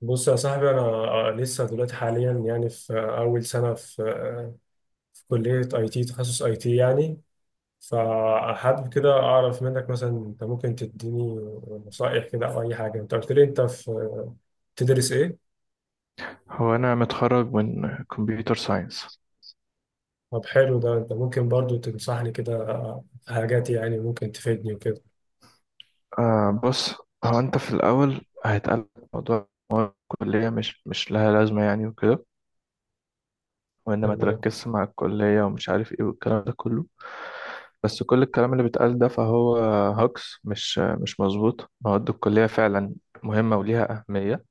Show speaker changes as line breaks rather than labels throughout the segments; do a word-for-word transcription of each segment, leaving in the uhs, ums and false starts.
بص يا صاحبي، انا آه، لسه دلوقتي حاليا يعني في اول سنه في في كليه اي تي، تخصص اي تي يعني. فحابب كده اعرف منك مثلا، انت ممكن تديني نصائح كده او اي حاجه. انت قلت لي انت في تدرس ايه؟
هو أنا متخرج من كمبيوتر ساينس.
طب حلو، ده انت ممكن برضو تنصحني كده في حاجات يعني ممكن تفيدني وكده.
آه بص، هو أنت في الأول هيتقال موضوع مواد الكلية مش مش لها لازمة يعني وكده، وإن ما
تمام.
تركزش مع الكلية ومش عارف إيه والكلام ده كله. بس كل الكلام اللي بيتقال ده فهو هاكس، مش مش مظبوط. مواد الكلية فعلا مهمة وليها أهمية.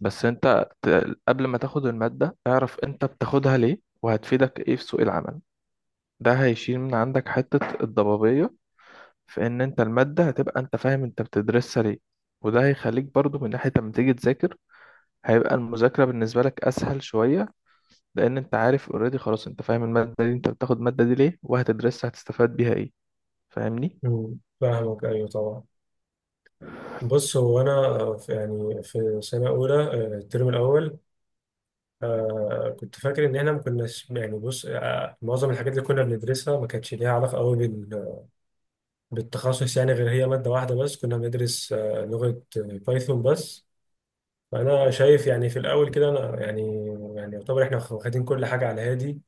بس أنت ت- قبل ما تاخد المادة اعرف أنت بتاخدها ليه وهتفيدك إيه في سوق العمل. ده هيشيل من عندك حتة الضبابية في ان انت المادة هتبقى انت فاهم انت بتدرسها ليه. وده هيخليك برضو من ناحية لما تيجي تذاكر هيبقى المذاكرة بالنسبة لك اسهل شوية، لان انت عارف اوريدي خلاص، انت فاهم المادة دي، انت بتاخد المادة دي ليه وهتدرسها هتستفاد بيها ايه. فاهمني؟
مم. فاهمك، ايوه طبعا. بص هو انا في- يعني في سنه اولى، آه، الترم الاول. آه كنت فاكر ان احنا ما كناش يعني، بص آه معظم الحاجات اللي كنا بندرسها ما كانتش ليها علاقه قوي بال- بالتخصص يعني. غير هي ماده واحده بس كنا بندرس آه لغه، آه، بايثون بس. فانا شايف يعني في الاول كده، انا يعني يعني يعتبر احنا واخدين كل حاجه على هادي.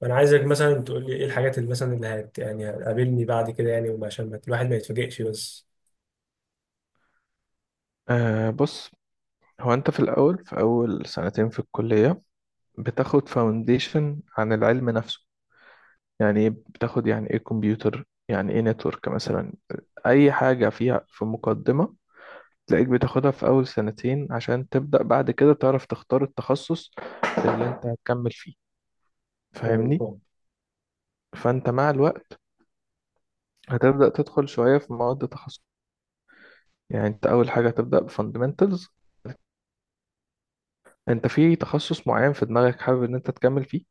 فانا عايزك مثلا تقول لي ايه الحاجات اللي مثلا اللي هت يعني هتقابلني بعد كده، يعني وعشان ما- الواحد ما يتفاجئش بس.
آه بص، هو انت في الاول في اول سنتين في الكلية بتاخد فاونديشن عن العلم نفسه. يعني ايه بتاخد، يعني ايه كمبيوتر، يعني ايه نتورك مثلا، اي حاجة فيها في مقدمة تلاقيك بتاخدها في أول سنتين عشان تبدأ بعد كده تعرف تختار التخصص اللي أنت هتكمل فيه.
أيوة
فاهمني؟
فاهم.
فأنت مع الوقت هتبدأ تدخل شوية في مواد تخصص. يعني أنت أول حاجة هتبدأ بفاندمنتالز. أنت في تخصص معين في دماغك حابب إن أنت تكمل فيه.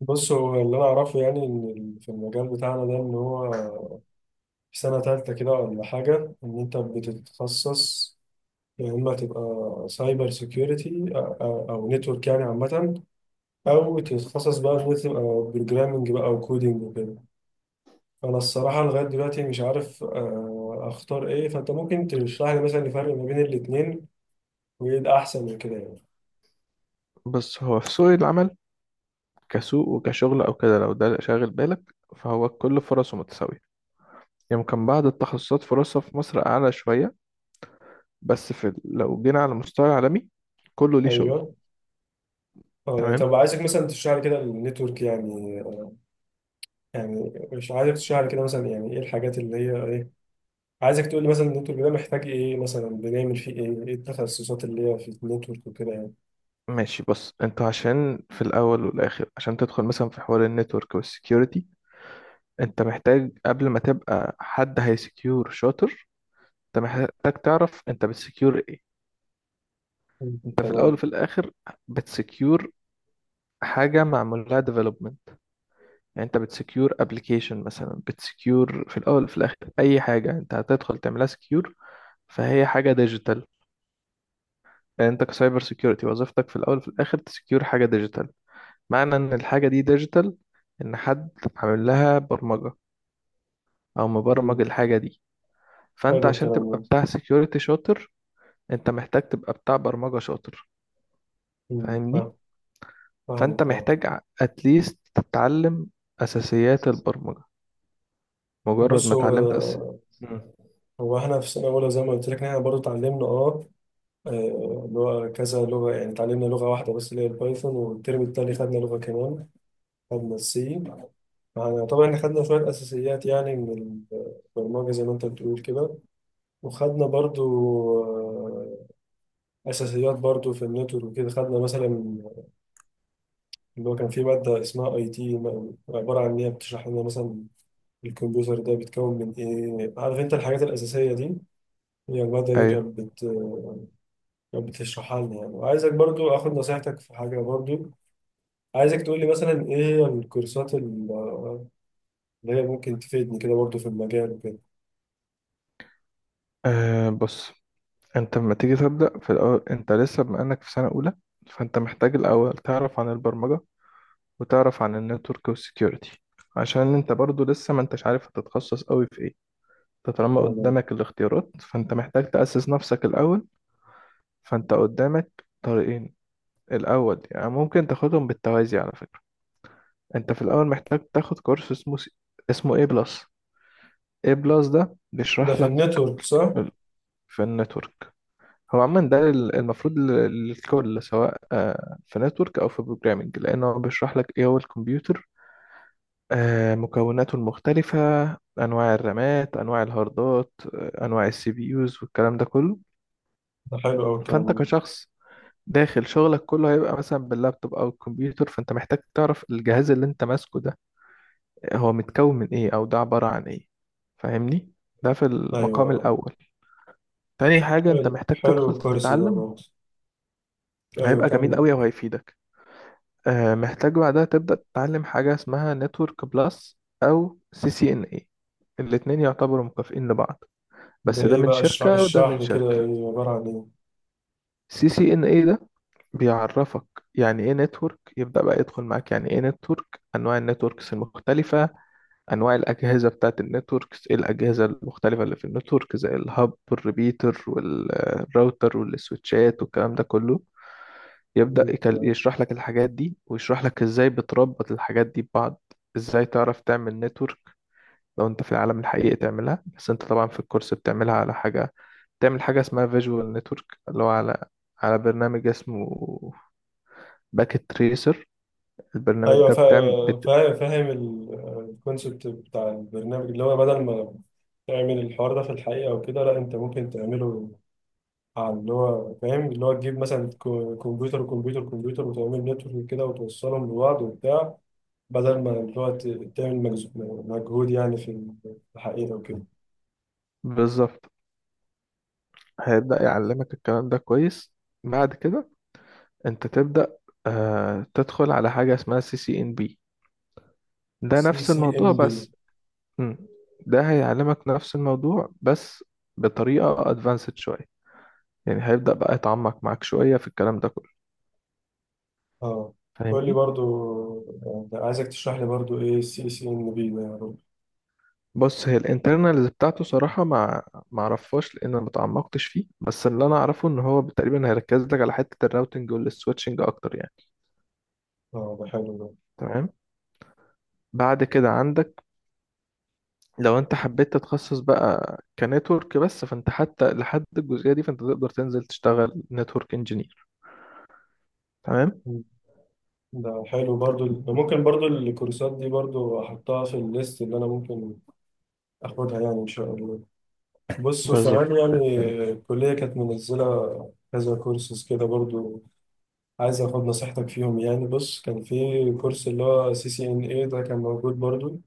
بص هو اللي انا اعرفه يعني ان ال- في المجال بتاعنا ده، ان هو في سنة تالتة كده ولا حاجة إن أنت بتتخصص. يا إما تبقى سايبر سيكيورتي، أو نتورك يعني عامة، أو تتخصص بقى في تبقى بروجرامنج بقى أو كودينج وكده. أنا الصراحة لغاية دلوقتي مش عارف آه، أختار إيه. فأنت ممكن تشرح لي مثلا الفرق ما بين الاتنين، وإيه الأحسن من كده يعني.
بس هو في سوق العمل كسوق وكشغل أو كده، لو ده شاغل بالك فهو كل فرصه متساوية. يمكن بعض التخصصات فرصها في مصر أعلى شوية، بس في لو جينا على مستوى عالمي كله ليه شغل.
أيوه. أه يعني
تمام.
طب عايزك مثلا تشرح لي كده النتورك يعني آه، يعني مش عايزك تشرح لي كده مثلا يعني إيه الحاجات اللي هي إيه. عايزك تقول لي مثلا النتورك ده محتاج ايه، مثلا بنعمل فيه ايه، ايه التخصصات اللي هي في النتورك وكده يعني.
ماشي، بص انت عشان في الاول والاخر عشان تدخل مثلا في حوار النتورك والسكيورتي، انت محتاج قبل ما تبقى حد هيسكيور شاطر، انت محتاج تعرف انت بتسكيور ايه.
مم.
انت في الاول
تمام.
وفي الاخر بتسكيور حاجه معمول لها ديفلوبمنت. يعني انت بتسكيور ابلكيشن مثلا، بتسكيور في الاول وفي الاخر اي حاجه انت هتدخل تعملها سكيور فهي حاجه ديجيتال. يعني انت كسايبر سكيورتي وظيفتك في الاول وفي الاخر تسكيور حاجه ديجيتال. معنى ان الحاجة دي ديجيتال ان حد عامل لها برمجة او مبرمج
مم.
الحاجة دي. فانت
حلو
عشان
الكلام
تبقى
ده.
بتاع سيكيورتي شاطر انت محتاج تبقى بتاع برمجة شاطر.
مم.
فاهمني.
فاهم. فاهم
فانت
طبعا.
محتاج اتليست تتعلم اساسيات البرمجة. مجرد
بص
ما
هو
اتعلمت أس...
آه،
مم.
هو احنا في سنه اولى، زي ما قلت لك إن احنا برضه اتعلمنا اه آه، لغه كذا لغه يعني. اتعلمنا لغه واحده بس اللي هي البايثون، والترم التاني خدنا لغه كمان، خدنا السي. يعني طبعا احنا خدنا شويه اساسيات يعني من البرمجه زي ما انت بتقول كده. وخدنا برضه آه، اساسيات برضو في النتورك وكده. خدنا مثلا اللي هو كان في ماده اسمها اي تي، عباره عن ان هي بتشرح لنا مثلا الكمبيوتر ده بيتكون من ايه، عارف انت الحاجات الاساسيه دي. هي الماده دي
ايوه.
كانت بت كانت بتشرحها لنا يعني. وعايزك برضو اخد نصيحتك في حاجه برضو. عايزك تقول لي مثلا ايه هي الكورسات ال- اللي هي ممكن تفيدني كده برضو في المجال وكده.
أه بص، انت لما تيجي تبدأ في الأول انت لسه بما انك في سنة اولى، فانت محتاج الاول تعرف عن البرمجة وتعرف عن النتورك والسكيورتي، عشان انت برضو لسه ما انتش عارف هتتخصص قوي في ايه. انت طالما
تمام.
قدامك الاختيارات فانت محتاج تأسس نفسك الأول. فانت قدامك طريقين. الأول يعني ممكن تاخدهم بالتوازي على فكرة. انت في الأول محتاج تاخد كورس اسمه س- اسمه A بلس. A بلس ده
ده
بيشرح
في
لك
النتورك صح؟
ال- في النتورك. هو عموما ده ال- المفروض لل- للكل سواء آه، في نتورك أو في بروجرامنج، لأنه بيشرح لك إيه هو الكمبيوتر، آه، مكوناته المختلفة، أنواع الرامات، أنواع الهاردات، آه، أنواع السي بي يوز والكلام ده كله.
ده حلو أوي الكلام
فأنت
ده.
كشخص داخل شغلك كله هيبقى مثلا باللابتوب او الكمبيوتر، فانت محتاج تعرف الجهاز اللي انت ماسكه ده هو متكون من ايه او ده عبارة عن ايه. فاهمني. ده في المقام
أيوه.
الاول. تاني حاجة انت
حلو
محتاج
حلو
تدخل
الكورس ده
تتعلم،
برضه. أيوه
هيبقى جميل
كمل.
قوي وهيفيدك. آه، محتاج بعدها تبدأ تتعلم حاجة اسمها نتورك بلس او سي سي ان اي. الاتنين يعتبروا مكافئين لبعض،
ده
بس ده
ايه
من
بقى؟ اشرح
شركة وده
اشرح
من
لي كده
شركة.
يعني، عبارة عن ايه.
سي سي ان اي ده بيعرفك يعني ايه نتورك، يبدأ بقى يدخل معاك يعني ايه نتورك، انواع النتوركس المختلفة، انواع الاجهزة بتاعت النتوركس، ايه الاجهزة المختلفة اللي في النتورك زي الهب والريبيتر والراوتر والسويتشات والكلام ده كله. يبدأ يكل-
مم.
يشرح لك الحاجات دي، ويشرح لك ازاي بتربط الحاجات دي ببعض. ازاي تعرف تعمل نتورك لو انت في العالم الحقيقي تعملها، بس انت طبعا في الكورس بتعملها على حاجة. تعمل حاجة اسمها فيجوال نتورك اللي هو على على برنامج اسمه باكيت تريسر. البرنامج
ايوه
ده بتعمل
فا-
بت...
فا- فاهم الكونسبت بتاع البرنامج، اللي هو بدل ما تعمل الحوار ده في الحقيقة وكده، لا انت ممكن تعمله على اللي هو فاهم. اللي هو تجيب مثلا كو- كمبيوتر وكمبيوتر وكمبيوتر، وتعمل نتورك كده وتوصلهم لبعض وبتاع، بدل ما اللي هو ت- تعمل مجز- مجهود يعني في الحقيقة وكده.
بالظبط. هيبدأ يعلمك الكلام ده كويس. بعد كده انت تبدأ آه تدخل على حاجة اسمها سي سي ان بي. ده
سي
نفس
سي ام
الموضوع
بي.
بس. مم. ده هيعلمك نفس الموضوع بس بطريقة ادفانسد شوية، يعني هيبدأ بقى يتعمق معاك شوية في الكلام ده كله.
اه قول لي
فاهمني؟
برضو، يعني عايزك تشرح لي برضو ايه السي سي ام بي ده، يا رب.
بص، هي الانترنالز بتاعته صراحة ما ما اعرفهاش، لان انا ما تعمقتش فيه، بس اللي انا اعرفه ان هو تقريبا هيركز لك على حتة الراوتنج والسويتشنج اكتر يعني.
اه ده حلو ده.
تمام. بعد كده عندك لو انت حبيت تتخصص بقى كنتورك بس، فانت حتى لحد الجزئية دي فانت تقدر تنزل تشتغل نتورك انجينير. تمام،
مم. ده حلو برضو ده، ممكن برضو الكورسات دي برضو احطها في الليست اللي انا ممكن اخدها يعني ان شاء الله. بص
بالظبط
وكمان
بإذن
يعني
الله.
الكلية كانت منزلة كذا كورسز كده برضو. عايز اخد نصيحتك فيهم يعني. بص كان في كورس اللي هو سي سي ان اي ده كان موجود برضو،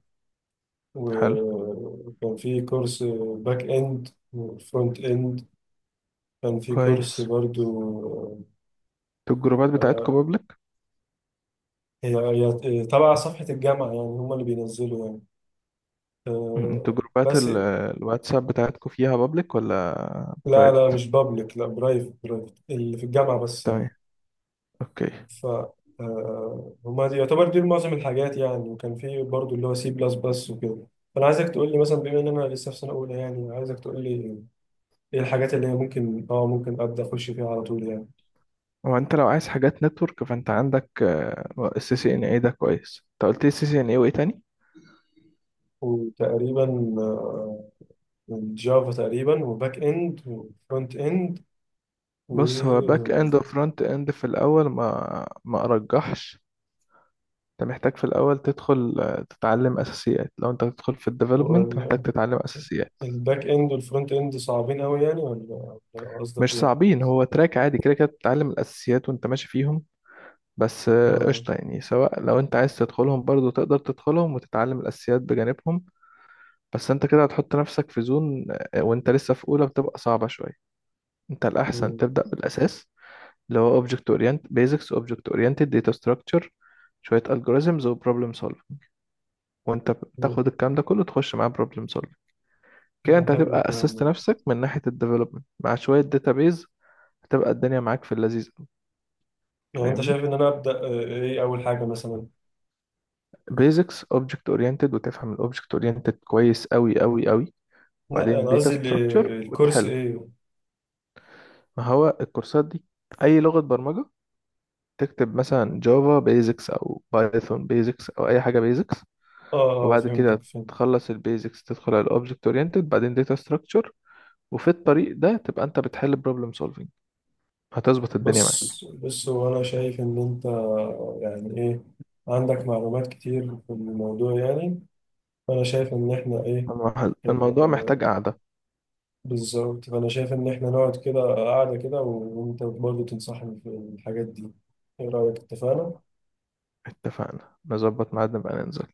حلو.
وكان في كورس باك اند وفرونت اند، كان في كورس
كويس.
برضو
انتوا الجروبات بتاعتكم
آه،
بابليك؟
هي هي تبع صفحة الجامعة يعني، هم اللي بينزلوا يعني
انتوا
آه،
جروبات
بس.
ال- الواتساب بتاعتكم فيها بابليك ولا
لا لا
برايفت؟
مش بابليك، لا برايفت برايفت اللي في الجامعة بس يعني.
تمام، اوكي.
ف آه، هما دي يعتبر دي معظم الحاجات يعني، وكان في برضو اللي هو سي بلس بلس وكده. فأنا عايزك تقول لي مثلا بما إن أنا لسه في سنة أولى يعني. عايزك تقول لي إيه الحاجات اللي هي ممكن أه ممكن أبدأ أخش فيها على طول يعني.
هو انت لو عايز حاجات نتورك فانت عندك السي سي ان اي، ده كويس. انت قلت لي سي سي ان اي وايه تاني؟
وتقريبا آه، الجافا تقريبا، وباك إند وفرونت إند، و.
بص، هو باك اند وفرونت اند في الاول ما ما ارجحش. انت محتاج في الاول تدخل آه، تتعلم اساسيات. لو انت هتدخل في
هو
الديفلوبمنت محتاج
ال-
تتعلم اساسيات.
الباك إند والفرونت إند صعبين أوي يعني، ولا ولا، قصدك
مش
إيه؟
صعبين، هو تراك عادي كده كده بتتعلم الاساسيات وانت ماشي فيهم. بس آه،
آه،
قشطه يعني، سواء لو انت عايز تدخلهم برضو تقدر تدخلهم وتتعلم الاساسيات بجانبهم. بس انت كده هتحط نفسك في زون، آه، وانت لسه في اولى بتبقى صعبه شويه. انت الاحسن
مم.
تبدا بالاساس، اللي هو object orient basics، object oriented، data structure، شويه algorithms و problem solving. وانت
مم.
تاخد الكلام ده كله تخش معاه problem solving. كده
ده
انت
حلو
هتبقى
الكلام
اسست
ده.
نفسك من ناحيه الديفلوبمنت، مع شويه database هتبقى الدنيا معاك في اللذيذ أوي.
لو انت شايف
فاهمني،
ان انا ابدا، آه، ايه اول حاجه مثلا؟
basics object oriented، وتفهم ال object oriented كويس قوي قوي قوي،
لا
وبعدين
انا
data
قصدي ال-
structure
الكورس
وتحل.
ايه.
ما هو الكورسات دي اي لغه برمجه. تكتب مثلا جافا بيزكس او بايثون بيزكس او اي حاجه بيزكس،
اه اه
وبعد كده
فهمتك فهمت.
تخلص البيزكس تدخل على الاوبجكت اورينتد، بعدين داتا ستراكشر، وفي الطريق ده تبقى انت بتحل بروبلم سولفنج، هتظبط الدنيا معاك.
بص بص هو انا شايف ان انت يعني ايه، عندك معلومات كتير في الموضوع يعني. فانا شايف ان احنا ايه.
المح-
آه،
الموضوع محتاج
آه،
قعدة.
بالظبط. فانا شايف ان احنا نقعد كده قاعده كده، وانت برضه تنصحني في الحاجات دي. ايه رايك، اتفقنا؟
اتفقنا نظبط ميعاد نبقى ننزل.